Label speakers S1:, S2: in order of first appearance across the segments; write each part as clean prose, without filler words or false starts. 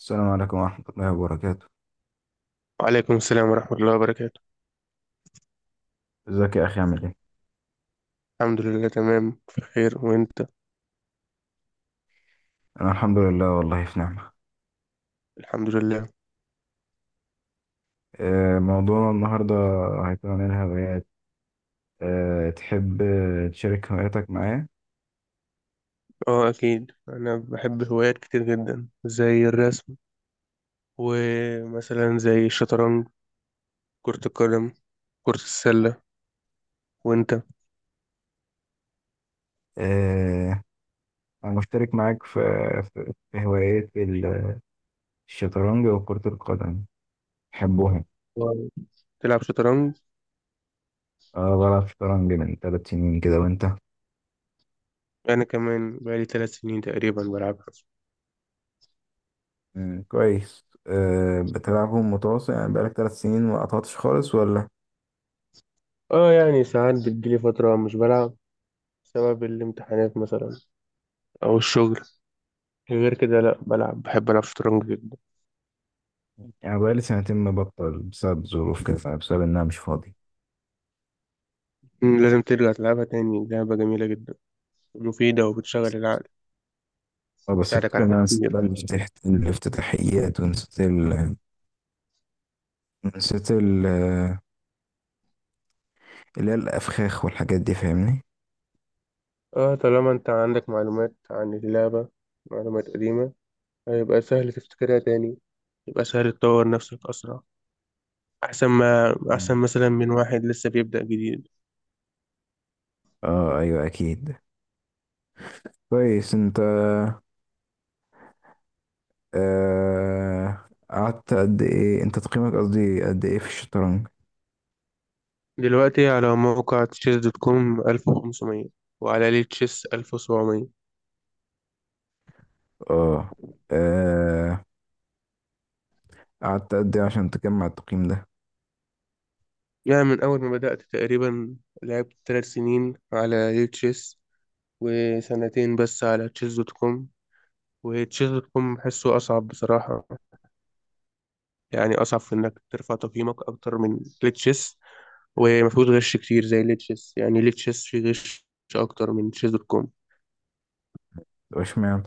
S1: السلام عليكم ورحمة الله وبركاته.
S2: وعليكم السلام ورحمة الله وبركاته.
S1: ازيك يا أخي عامل ايه؟
S2: الحمد لله، تمام في خير، وانت؟
S1: أنا الحمد لله، والله في نعمة.
S2: الحمد لله.
S1: موضوعنا النهاردة هيكون عن الهوايات. تحب تشارك هواياتك معايا؟
S2: اه، اكيد انا بحب هوايات كتير جدا زي الرسم، ومثلا زي الشطرنج، كرة القدم، كرة السلة. وانت؟
S1: آه، أنا مشترك معاك في هوايات الشطرنج وكرة القدم، بحبهم.
S2: واو. تلعب شطرنج؟
S1: أنا بلعب شطرنج من 3 سنين كده، وأنت؟
S2: انا كمان بقالي 3 سنين تقريبا بلعبها.
S1: كويس. بتلعبهم متواصل؟ يعني بقالك 3 سنين ما قطعتش خالص ولا؟
S2: اه يعني ساعات بتجيلي فترة مش بلعب، بسبب الامتحانات مثلا او الشغل، غير كده لا بلعب، بحب العب شطرنج جدا.
S1: يعني بقالي سنتين مبطل بسبب ظروف كده، بسبب إن أنا مش فاضي.
S2: لازم ترجع تلعبها تاني، لعبة جميلة جدا مفيدة وبتشغل العقل،
S1: اه، بس
S2: تساعدك على
S1: الفكرة إن أنا نسيت
S2: التفكير.
S1: بقى الافتتاحيات، ونسيت ال نسيت ال اللي هي الأفخاخ والحاجات دي، فاهمني؟
S2: اه طالما انت عندك معلومات عن اللعبة، معلومات قديمة، هيبقى سهل تفتكرها تاني، يبقى سهل تطور نفسك أسرع، أحسن ما أحسن
S1: مم.
S2: مثلا من واحد لسه بيبدأ جديد.
S1: اه، أيوه، أكيد. كويس أنت. قعدت قد إيه؟ أنت تقييمك، قصدي قد إيه في الشطرنج؟
S2: دلوقتي على موقع تشيس دوت كوم 1500، وعلى ليه تشيس 1700.
S1: اه. آه، قعدت قد إيه عشان تجمع التقييم ده؟
S2: يعني من أول ما بدأت تقريبا، لعبت 3 سنين على ليه تشيس، وسنتين بس على تشيس دوت كوم. وتشيس دوت كوم بحسه أصعب بصراحة، يعني أصعب في إنك ترفع تقييمك أكتر من تشيس، ومفيهوش غش كتير زي تشيس، يعني تشيس فيه غش أكتر من تشيس دوت كوم.
S1: واشمعنى؟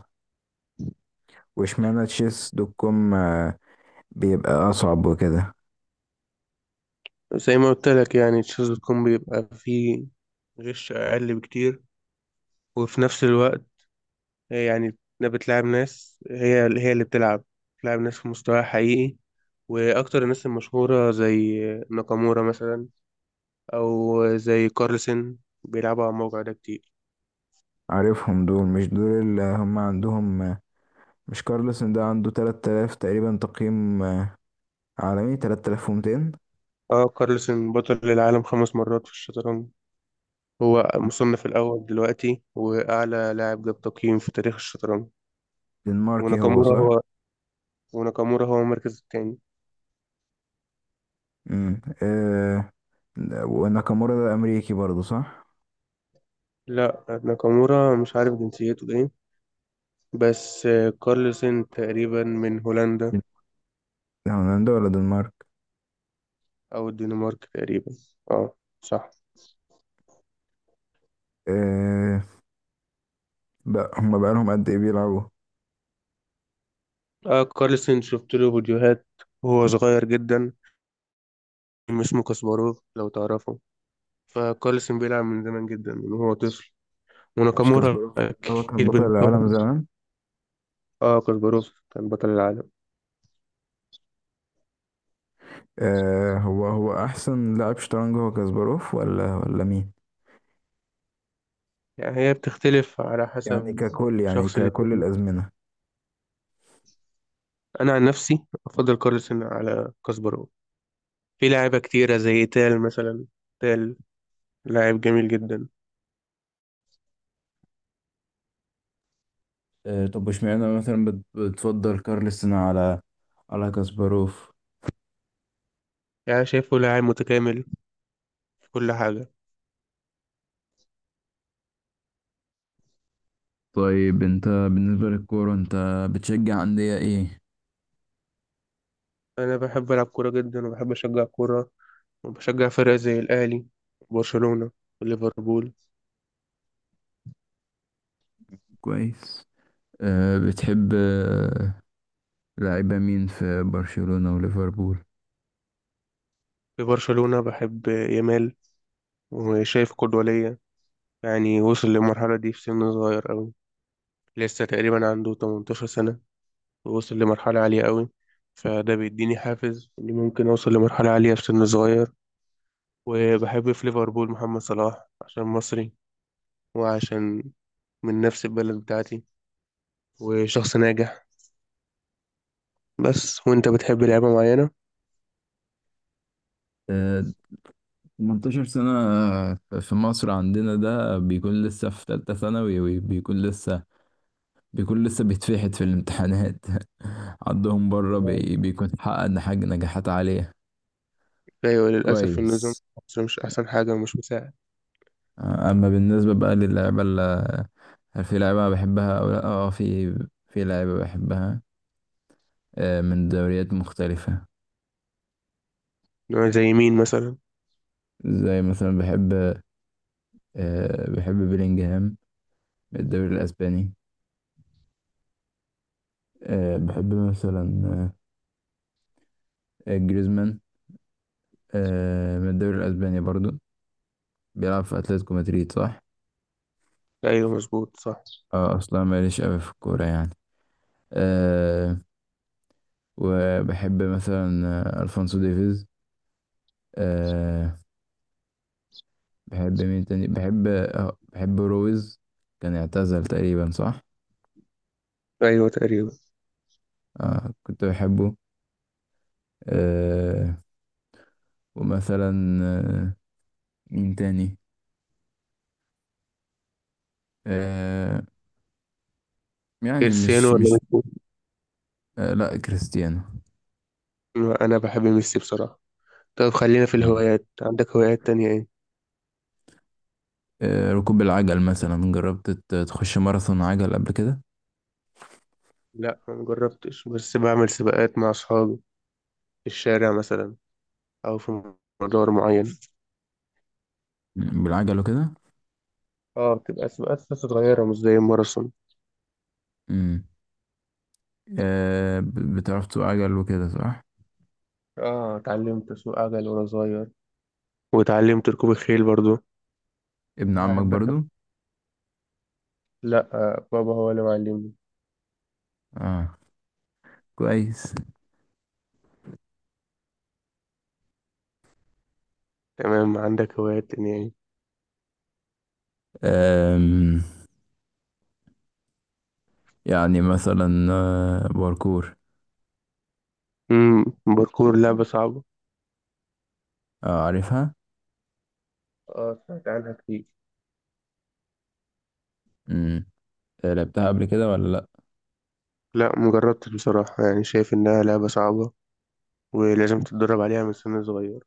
S1: واشمعنى تشيس دوت كوم بيبقى أصعب وكده؟
S2: زي ما قلت لك، يعني تشيس دوت كوم بيبقى فيه غش أقل بكتير، وفي نفس الوقت يعني بتلعب ناس، هي هي اللي بتلعب ناس في مستوى حقيقي. وأكتر الناس المشهورة زي ناكامورا مثلا، أو زي كارلسن، بيلعبوا على الموقع ده كتير.
S1: عارفهم دول، مش دول اللي هم عندهم؟ مش كارلسن ده عنده 3000 تقريبا تقييم، عالمي 3200؟
S2: اه كارلسن بطل العالم 5 مرات في الشطرنج، هو مصنف الأول دلوقتي وأعلى لاعب جاب تقييم في تاريخ الشطرنج.
S1: دنماركي هو،
S2: وناكامورا
S1: صح؟
S2: هو وناكامورا هو المركز التاني.
S1: امم آه وناكامورا ده امريكي برضه، صح؟
S2: لا، ناكامورا مش عارف جنسيته ايه، بس كارلسن تقريبا من هولندا،
S1: ده هولندا ولا دنمارك؟
S2: أو الدنمارك تقريبا. اه صح.
S1: آه بقى هما بقالهم قد ايه بيلعبوا؟
S2: اه كارلسن شفت له فيديوهات وهو صغير جدا، اسمه كاسباروف لو تعرفه. فكارلسن بيلعب من زمان جدا، من وهو طفل،
S1: مش
S2: وناكامورا
S1: كاسباروف ده هو كان
S2: أكيد
S1: بطل
S2: بالمستوى.
S1: العالم زمان؟
S2: اه كاسباروف كان بطل العالم.
S1: آه، هو هو احسن لاعب شطرنج، هو كاسباروف ولا مين؟
S2: يعني هي بتختلف على
S1: يعني
S2: حسب
S1: ككل يعني
S2: شخص
S1: ككل
S2: للتاني.
S1: الازمنه.
S2: انا عن نفسي افضل كارلسن على كاسبارو. في لاعيبه كتيره زي تال مثلا. تال لاعب جميل جدا.
S1: طب واشمعنى مثلا بتفضل كارلسن على كاسباروف؟
S2: يعني شايفه لاعب متكامل في كل حاجه.
S1: طيب انت بالنسبة للكورة، انت بتشجع أندية ايه؟
S2: انا بحب العب كوره جدا وبحب اشجع كوره، وبشجع فرق زي الاهلي وبرشلونه وليفربول.
S1: كويس. بتحب لعيبة مين في برشلونة وليفربول؟
S2: في برشلونه بحب يامال، وشايف قدوه ليا، يعني وصل للمرحله دي في سن صغير أوي، لسه تقريبا عنده 18 سنه، ووصل لمرحلة عالية قوي، فده بيديني حافز إني ممكن أوصل لمرحلة عالية في سن صغير. وبحب في ليفربول محمد صلاح عشان مصري، وعشان من نفس البلد بتاعتي، وشخص ناجح بس. وأنت بتحب لعبة معينة؟
S1: آه، 18 سنة! في مصر عندنا ده بيكون لسه في تالتة ثانوي، وبيكون لسه بيتفحت في الامتحانات عندهم بره بيكون حقق حاجة، نجاحات عالية.
S2: أيوة، للأسف النظام
S1: كويس.
S2: في مصر مش أحسن حاجة ومش مساعد.
S1: أما بالنسبة بقى للعيبة اللي، هل في لعيبة بحبها أو لأ؟ اه، في لعيبة بحبها من دوريات مختلفة.
S2: زي مين مثلا؟
S1: زي مثلا بحب، بحب بيلينجهام من الدوري الأسباني. بحب مثلا جريزمان، من الدوري الأسباني برضو، بيلعب في أتلتيكو مدريد، صح؟
S2: أيوة مظبوط صح.
S1: اه، أصلا ماليش أوي في الكورة يعني. آه، وبحب مثلا ألفونسو ديفيز. آه، بحب مين تاني؟ بحب بحب رويز. كان اعتزل تقريبا، صح؟
S2: أيوة تقريبا.
S1: كنت بحبه. آه، ومثلا مين تاني؟ آه، يعني
S2: كريستيانو
S1: مش
S2: ولا
S1: مش
S2: ميسي؟
S1: آه، لا، كريستيانو.
S2: أنا بحب ميسي بصراحة. طب خلينا في
S1: مم.
S2: الهوايات، عندك هوايات تانية إيه؟
S1: ركوب العجل مثلا. جربت تخش ماراثون عجل قبل كده؟
S2: لا ما جربتش، بس بعمل سباقات مع أصحابي في الشارع مثلا، أو في مدار معين.
S1: بالعجل وكده.
S2: اه بتبقى سباقات بس صغيرة، مش زي الماراثون.
S1: مم. بتعرف تسوق عجل وكده، صح؟
S2: اه اتعلمت أسوق عجل وأنا صغير، واتعلمت ركوب الخيل برضو،
S1: ابن عمك
S2: بحب أركب.
S1: برضو.
S2: لأ، بابا هو اللي معلمني.
S1: اه، كويس.
S2: تمام، عندك هوايات تانية يعني؟
S1: آم، يعني مثلا باركور.
S2: باركور لعبة صعبة.
S1: عارفها.
S2: اه سمعت عنها كتير.
S1: مم. لعبتها قبل كده ولا لا؟
S2: لا مجربتش بصراحة، يعني شايف إنها لعبة صعبة ولازم تتدرب عليها من سن صغير.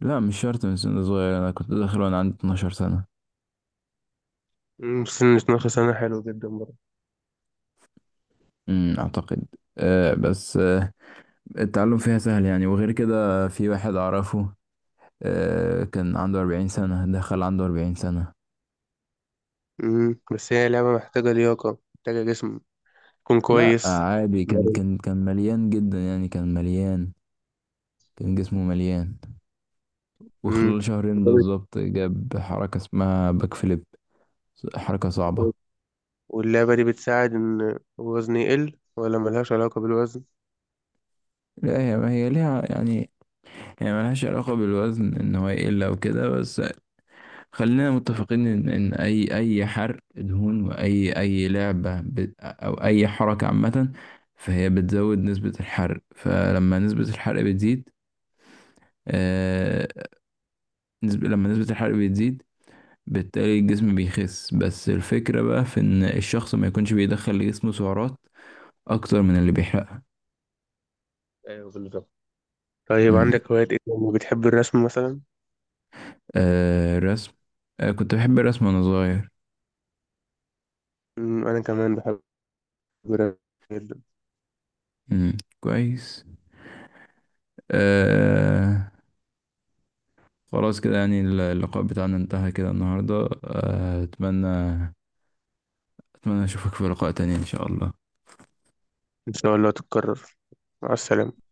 S1: لا مش شرط من سن صغير، انا كنت داخل وانا عندي 12 سنة.
S2: سن 12 سنة حلو جدا برضه.
S1: اعتقد. بس، التعلم فيها سهل يعني، وغير كده في واحد أعرفه كان عنده 40 سنة، دخل عنده 40 سنة.
S2: بس هي لعبة محتاجة لياقة، محتاجة جسم تكون
S1: لا
S2: كويس.
S1: عادي، كان مليان جدا، يعني كان مليان، كان جسمه مليان. وخلال
S2: امم
S1: شهرين بالظبط جاب حركة اسمها باك فليب، حركة صعبة.
S2: واللعبة دي بتساعد إن الوزن يقل ولا ملهاش علاقة بالوزن؟
S1: لا، هي، هي ليها يعني، هي ملهاش علاقة بالوزن إن هو يقل أو كده. بس خلينا متفقين ان، اي حرق دهون، واي لعبه او اي حركه عامه، فهي بتزود نسبه الحرق. فلما نسبه الحرق بتزيد، آه... لما نسبه الحرق بتزيد، بالتالي الجسم بيخس. بس الفكره بقى في ان الشخص ما يكونش بيدخل لجسمه سعرات اكتر من اللي بيحرقها.
S2: ايوه بالظبط. طيب
S1: مم.
S2: عندك هوايات إيه تاني؟ بتحب الرسم مثلا؟
S1: الرسم. كنت بحب الرسم وانا صغير.
S2: أنا كمان بحب الرسم جدا.
S1: مم. كويس. آه... خلاص كده يعني، اللقاء بتاعنا انتهى كده النهاردة. أتمنى أشوفك في لقاء تاني إن شاء الله.
S2: إن شاء الله تتكرر. مع السلامة.